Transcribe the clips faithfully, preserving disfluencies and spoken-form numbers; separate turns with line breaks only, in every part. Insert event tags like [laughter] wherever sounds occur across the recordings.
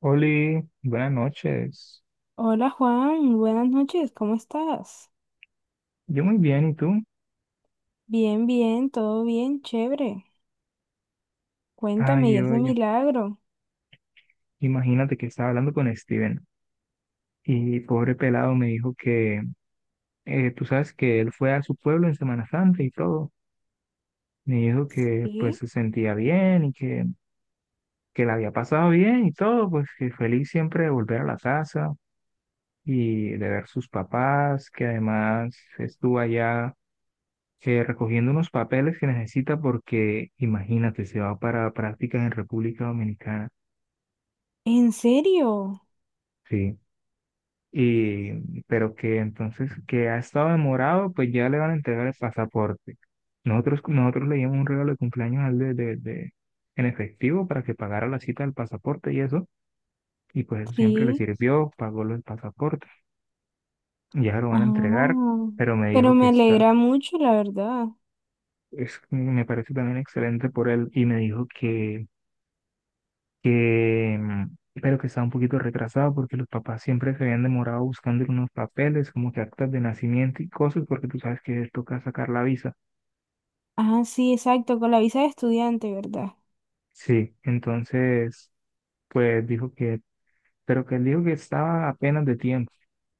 Oli, buenas noches.
Hola Juan, buenas noches, ¿cómo estás?
Yo muy bien, ¿y tú?
Bien, bien, todo bien, chévere. Cuéntame, ¿y
Ay,
ese
oye,
milagro?
imagínate que estaba hablando con Steven y pobre pelado me dijo que, eh, tú sabes que él fue a su pueblo en Semana Santa y todo. Me dijo que pues
Sí.
se sentía bien y que, que la había pasado bien y todo, pues que feliz siempre de volver a la casa y de ver sus papás, que además estuvo allá eh, recogiendo unos papeles que necesita porque, imagínate, se va para prácticas en República Dominicana.
¿En serio?
Sí. Y pero que entonces que ha estado demorado, pues ya le van a entregar el pasaporte. Nosotros, nosotros le dimos un regalo de cumpleaños al de, de, de- en efectivo para que pagara la cita del pasaporte y eso, y pues eso siempre le
Sí.
sirvió, pagó los pasaportes, ya lo van a entregar,
Ah,
pero me dijo
pero
que
me
está,
alegra mucho, la verdad.
es, me parece también excelente por él, y me dijo que que, mm, pero que estaba un poquito retrasado porque los papás siempre se habían demorado buscando unos papeles, como que actas de nacimiento y cosas, porque tú sabes que les toca sacar la visa.
Ah, sí, exacto, con la visa de estudiante, ¿verdad?
Sí, entonces, pues dijo que, pero que él dijo que estaba apenas de tiempo,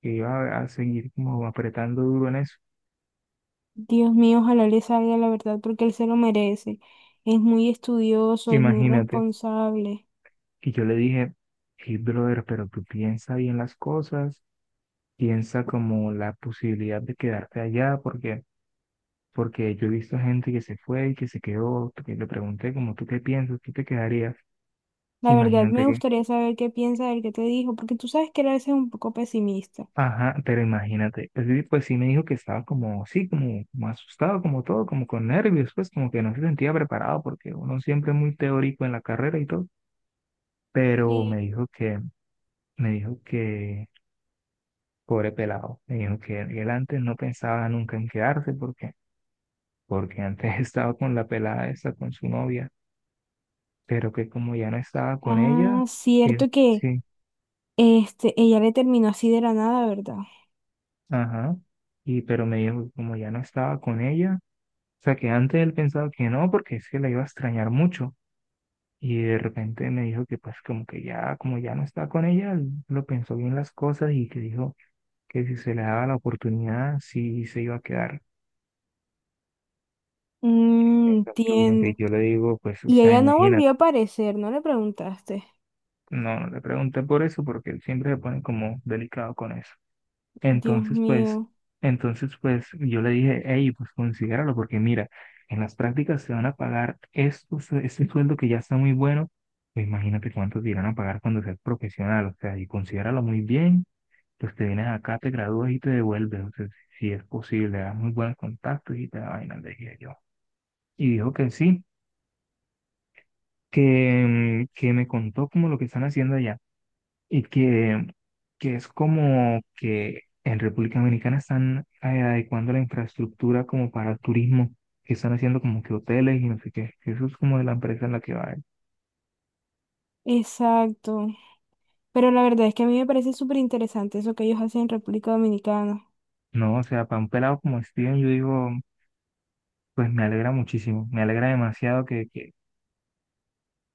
que iba a seguir como apretando duro en eso.
Dios mío, ojalá le salga la verdad porque él se lo merece. Es muy estudioso, es muy
Imagínate.
responsable.
Y yo le dije, hey, brother, pero tú piensa bien las cosas, piensa como la posibilidad de quedarte allá, porque porque yo he visto gente que se fue y que se quedó, que le pregunté como, ¿tú qué piensas? ¿Tú te quedarías?
La verdad,
Imagínate
me
que,
gustaría saber qué piensa él, qué te dijo, porque tú sabes que él a veces es un poco pesimista.
ajá, pero imagínate. Es decir, pues sí me dijo que estaba como, sí, como, como asustado, como todo, como con nervios, pues como que no se sentía preparado, porque uno siempre es muy teórico en la carrera y todo, pero
Sí.
me dijo que, me dijo que, pobre pelado, me dijo que él antes no pensaba nunca en quedarse, porque, porque antes [laughs] estaba con la pelada esa, con su novia, pero que como ya no estaba con ella,
Ah,
él
cierto que
sí.
este, ella le terminó así de la nada, ¿verdad?
Ajá. Y pero me dijo que como ya no estaba con ella, o sea que antes él pensaba que no, porque es que la iba a extrañar mucho. Y de repente me dijo que pues como que ya, como ya no está con ella, él lo pensó bien las cosas y que dijo que si se le daba la oportunidad, sí se iba a quedar.
Mm,
Entonces, yo bien, pues,
entiendo.
yo le digo, pues, o
Y
sea,
ella no
imagínate,
volvió a aparecer, ¿no le preguntaste?
no, no le pregunté por eso, porque él siempre se pone como delicado con eso.
Dios
Entonces, pues,
mío,
entonces, pues, yo le dije, hey, pues considéralo, porque mira, en las prácticas se van a pagar estos, este sueldo que ya está muy bueno, pues imagínate cuánto te irán a pagar cuando seas profesional, o sea, y considéralo muy bien, pues te vienes acá, te gradúas y te devuelves, o sea, si es posible, das muy buenos contactos y te da vaina, le dije yo. Y dijo que sí, que, mm, que me contó como lo que están haciendo allá. Y que, que es como que en República Dominicana están eh, adecuando la infraestructura como para el turismo, que están haciendo como que hoteles y no sé qué, que eso es como de la empresa en la que va él.
exacto. Pero la verdad es que a mí me parece súper interesante eso que ellos hacen en República Dominicana.
No, o sea, para un pelado como Steven, yo digo, pues me alegra muchísimo, me alegra demasiado que, que,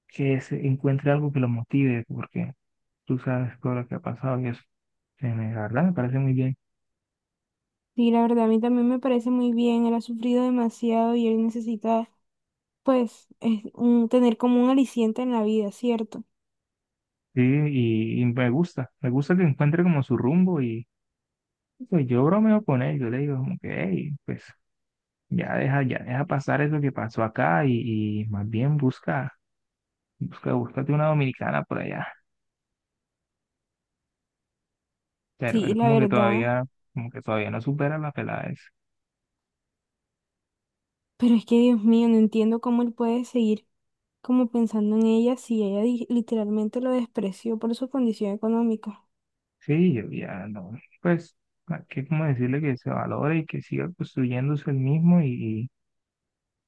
que se encuentre algo que lo motive, porque tú sabes todo lo que ha pasado y eso. Eh, me- la verdad me parece muy bien.
Sí, la verdad, a mí también me parece muy bien. Él ha sufrido demasiado y él necesita, pues, es un, tener como un aliciente en la vida, ¿cierto?
Sí, y, y me gusta, me gusta que encuentre como su rumbo y pues yo bromeo con él, yo le digo como que, hey, pues ya deja, ya deja pasar eso que pasó acá y, y más bien busca, busca, búscate una dominicana por allá. Pero
Sí,
él
la
como que
verdad.
todavía, como que todavía no supera la pelada esa.
Pero es que, Dios mío, no entiendo cómo él puede seguir, como pensando en ella, si ella di- literalmente lo despreció por su condición económica.
Sí, yo ya no, pues, hay que como decirle que se valore y que siga construyéndose el mismo y,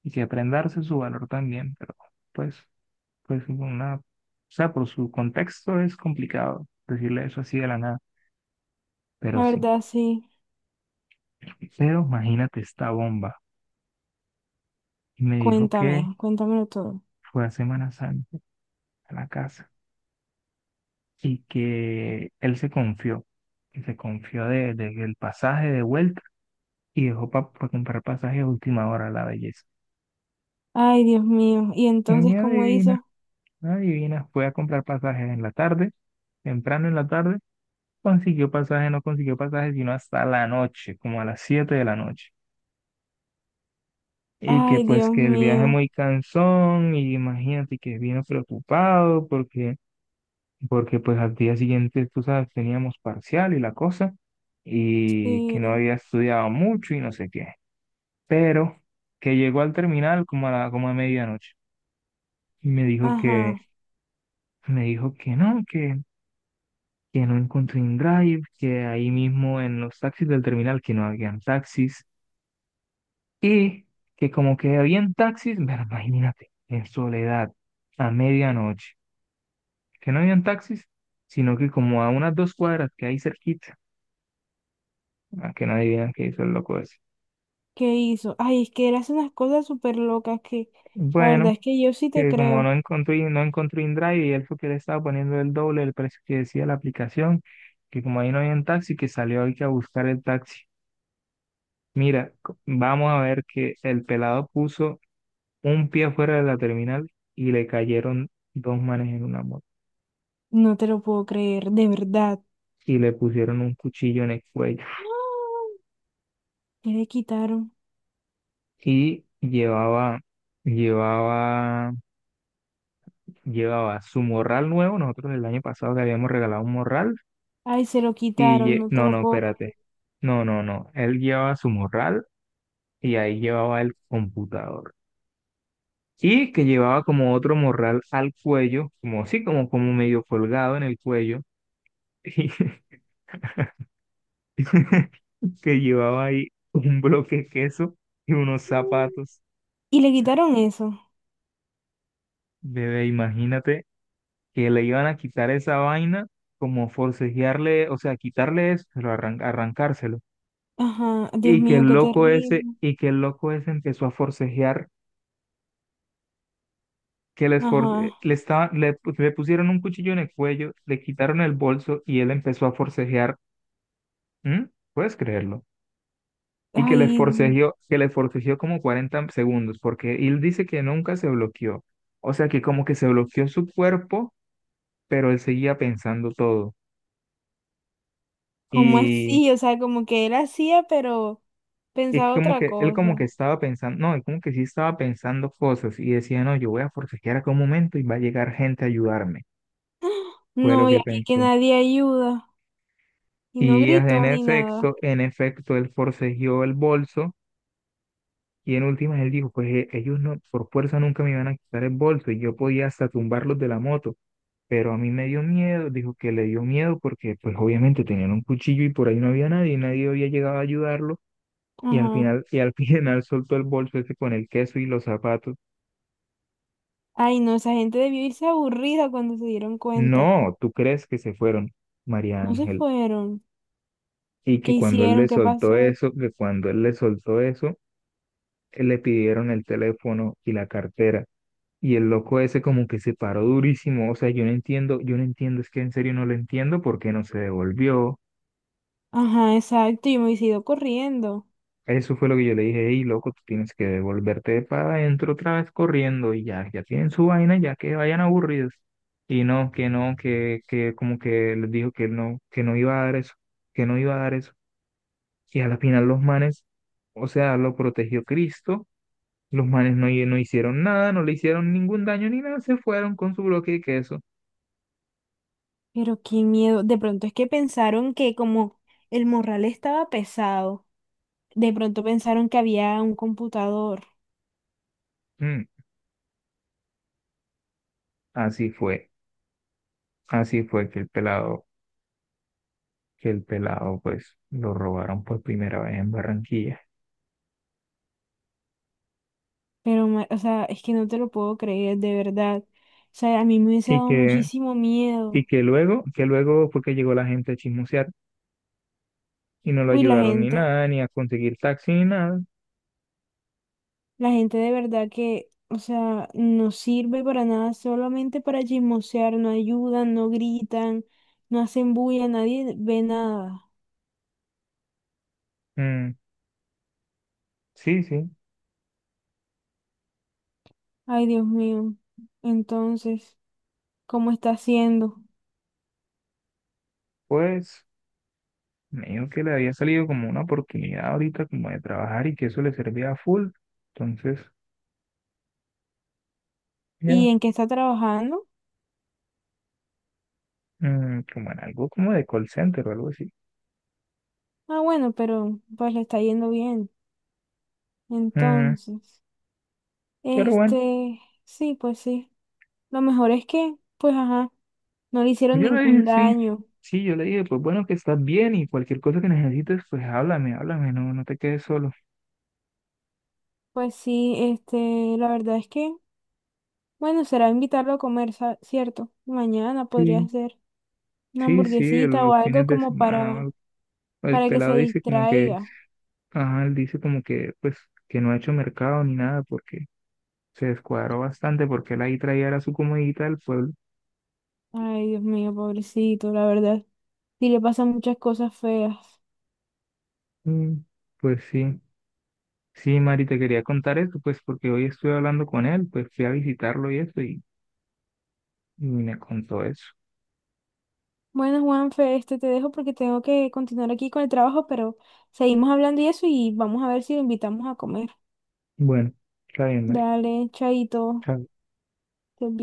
y que aprenda a darse su valor también, pero pues, pues una, o sea, por su contexto es complicado decirle eso así de la nada, pero
La
sí.
verdad, sí.
Pero imagínate esta bomba. Y me dijo que
Cuéntame, cuéntamelo todo.
fue a Semana Santa, a la casa, y que él se confió, que se confió de, de- del pasaje de vuelta y dejó para comprar pasajes a última hora a la belleza.
Ay, Dios mío. ¿Y
Y
entonces cómo
adivina,
hizo?
adivina, fue a comprar pasajes en la tarde, temprano en la tarde, consiguió pasaje, no consiguió pasaje, sino hasta la noche, como a las siete de la noche. Y que
Ay,
pues
Dios
que el viaje
mío.
muy cansón, y imagínate que vino preocupado porque porque pues al día siguiente, tú sabes, teníamos parcial y la cosa, y que no
Sí.
había estudiado mucho y no sé qué. Pero que llegó al terminal como a la, como a medianoche y me dijo que,
Ajá.
me dijo que no, que, que, no encontré en Drive, que ahí mismo en los taxis del terminal que no habían taxis y que como que habían taxis, pero imagínate, en soledad, a medianoche, que no habían taxis, sino que como a unas dos cuadras que hay cerquita. Ah, que no adivinan qué hizo el loco ese.
¿Qué hizo? Ay, es que él hace unas cosas súper locas que la verdad
Bueno,
es que yo sí te
que como no
creo.
encontré, no encontré InDrive y él fue que le estaba poniendo el doble del precio que decía la aplicación, que como ahí no había un taxi, que salió hoy que a buscar el taxi. Mira, co- vamos a ver que el pelado puso un pie afuera de la terminal y le cayeron dos manes en una moto
No te lo puedo creer, de verdad.
y le pusieron un cuchillo en el cuello
¡Ah! ¿Qué le quitaron?
y llevaba, llevaba, llevaba su morral nuevo. Nosotros el año pasado le habíamos regalado un morral.
Ay, se lo
Y
quitaron,
lle-
no te
no,
lo
no,
puedo
espérate.
creer.
No, no, no. Él llevaba su morral y ahí llevaba el computador. Y que llevaba como otro morral al cuello, como así como, como medio colgado en el cuello, [laughs] y que llevaba ahí un bloque de queso y unos zapatos.
Y le quitaron eso.
Bebé, imagínate que le iban a quitar esa vaina, como forcejearle, o sea, quitarle eso, pero arran- arrancárselo.
Ajá, Dios
Y que
mío,
el
qué
loco ese,
terrible.
y que el loco ese empezó a forcejear que les for- eh,
Ajá.
le, estaba- le, pu- le pusieron un cuchillo en el cuello, le quitaron el bolso y él empezó a forcejear. ¿Mm? ¿Puedes creerlo? Y que le
Ay,
forcejeó, que le forcejeó como cuarenta segundos, porque él dice que nunca se bloqueó. O sea que como que se bloqueó su cuerpo, pero él seguía pensando todo.
¿cómo
Y,
así? O sea, como que él hacía, pero
y
pensaba
como
otra
que él como que
cosa.
estaba pensando, no, él como que sí estaba pensando cosas y decía, no, yo voy a forcejear acá un momento y va a llegar gente a ayudarme. Fue lo
No, y
que
aquí que
pensó.
nadie ayuda. Y no
Y en
gritó ni
efecto,
nada.
en efecto, él forcejeó el bolso y en últimas él dijo, pues eh, ellos no, por fuerza nunca me iban a quitar el bolso y yo podía hasta tumbarlos de la moto, pero a mí me dio miedo, dijo que le dio miedo porque pues obviamente tenían un cuchillo y por ahí no había nadie, y nadie había llegado a ayudarlo y al
Ajá.
final, y al [laughs] final soltó el bolso ese con el queso y los zapatos.
Ay, no, esa gente debió irse aburrida cuando se dieron cuenta.
No, ¿tú crees que se fueron, María
No se
Ángel?
fueron.
Y
¿Qué
que cuando él
hicieron?
le
¿Qué
soltó
pasó?
eso, que cuando él le soltó eso, le pidieron el teléfono y la cartera. Y el loco ese como que se paró durísimo, o sea, yo no entiendo, yo no entiendo, es que en serio no lo entiendo porque no se devolvió.
Ajá, exacto. Yo me hubiese ido corriendo.
Eso fue lo que yo le dije, hey, loco, tú tienes que devolverte para adentro otra vez corriendo y ya, ya tienen su vaina, ya que vayan aburridos. Y no, que no, que, que como que les dijo que no, que no iba a dar eso, que no iba a dar eso. Y a la final los manes, o sea, lo protegió Cristo, los manes no, no hicieron nada, no le hicieron ningún daño ni nada, se fueron con su bloque de queso.
Pero qué miedo. De pronto es que pensaron que como el morral estaba pesado, de pronto pensaron que había un computador.
Mm, así fue. Así fue que el pelado, que el pelado pues lo robaron por primera vez en Barranquilla.
Pero, ma- o sea, es que no te lo puedo creer, de verdad. O sea, a mí me hubiese
Y
dado
que,
muchísimo
y
miedo.
que luego, que luego fue que llegó la gente a chismosear y no lo
Uy, la
ayudaron ni
gente,
nada, ni a conseguir taxi ni nada.
la gente de verdad que, o sea, no sirve para nada, solamente para chismosear, no ayudan, no gritan, no hacen bulla, nadie ve nada.
Mm, sí, sí,
Ay, Dios mío. Entonces, ¿cómo está haciendo?
pues me dijo que le había salido como una oportunidad ahorita como de trabajar y que eso le servía a full. Entonces,
¿Y
ya,
en qué está trabajando?
mm, como en algo como de call center o algo así.
Ah, bueno, pero pues le está yendo bien.
Mm,
Entonces,
pero bueno.
este, sí, pues sí. Lo mejor es que, pues, ajá, no le hicieron
Yo le dije,
ningún
sí,
daño.
sí, yo le dije, pues bueno, que estás bien y cualquier cosa que necesites, pues háblame, háblame, no, no te quedes solo.
Pues sí, este, la verdad es que, bueno, será invitarlo a comer, sa- ¿cierto? Mañana podría
Sí,
ser una
sí, sí, el-
hamburguesita o
los fines
algo
de
como
semana, o
para,
algo. El
para que se
pelado dice como que,
distraiga.
ajá, él dice como que, pues, que no ha hecho mercado ni nada porque se descuadró bastante porque él ahí traía era su comodita del pueblo.
Ay, Dios mío, pobrecito, la verdad. Sí le pasan muchas cosas feas.
Mm, pues sí, sí, Mari, te quería contar esto, pues, porque hoy estuve hablando con él, pues fui a visitarlo y eso y, y me contó eso.
Bueno, Juanfe, este te dejo porque tengo que continuar aquí con el trabajo, pero seguimos hablando y eso y vamos a ver si lo invitamos a comer.
Bueno, está bien, Mari.
Dale, chaito.
Chao.
Estés bien.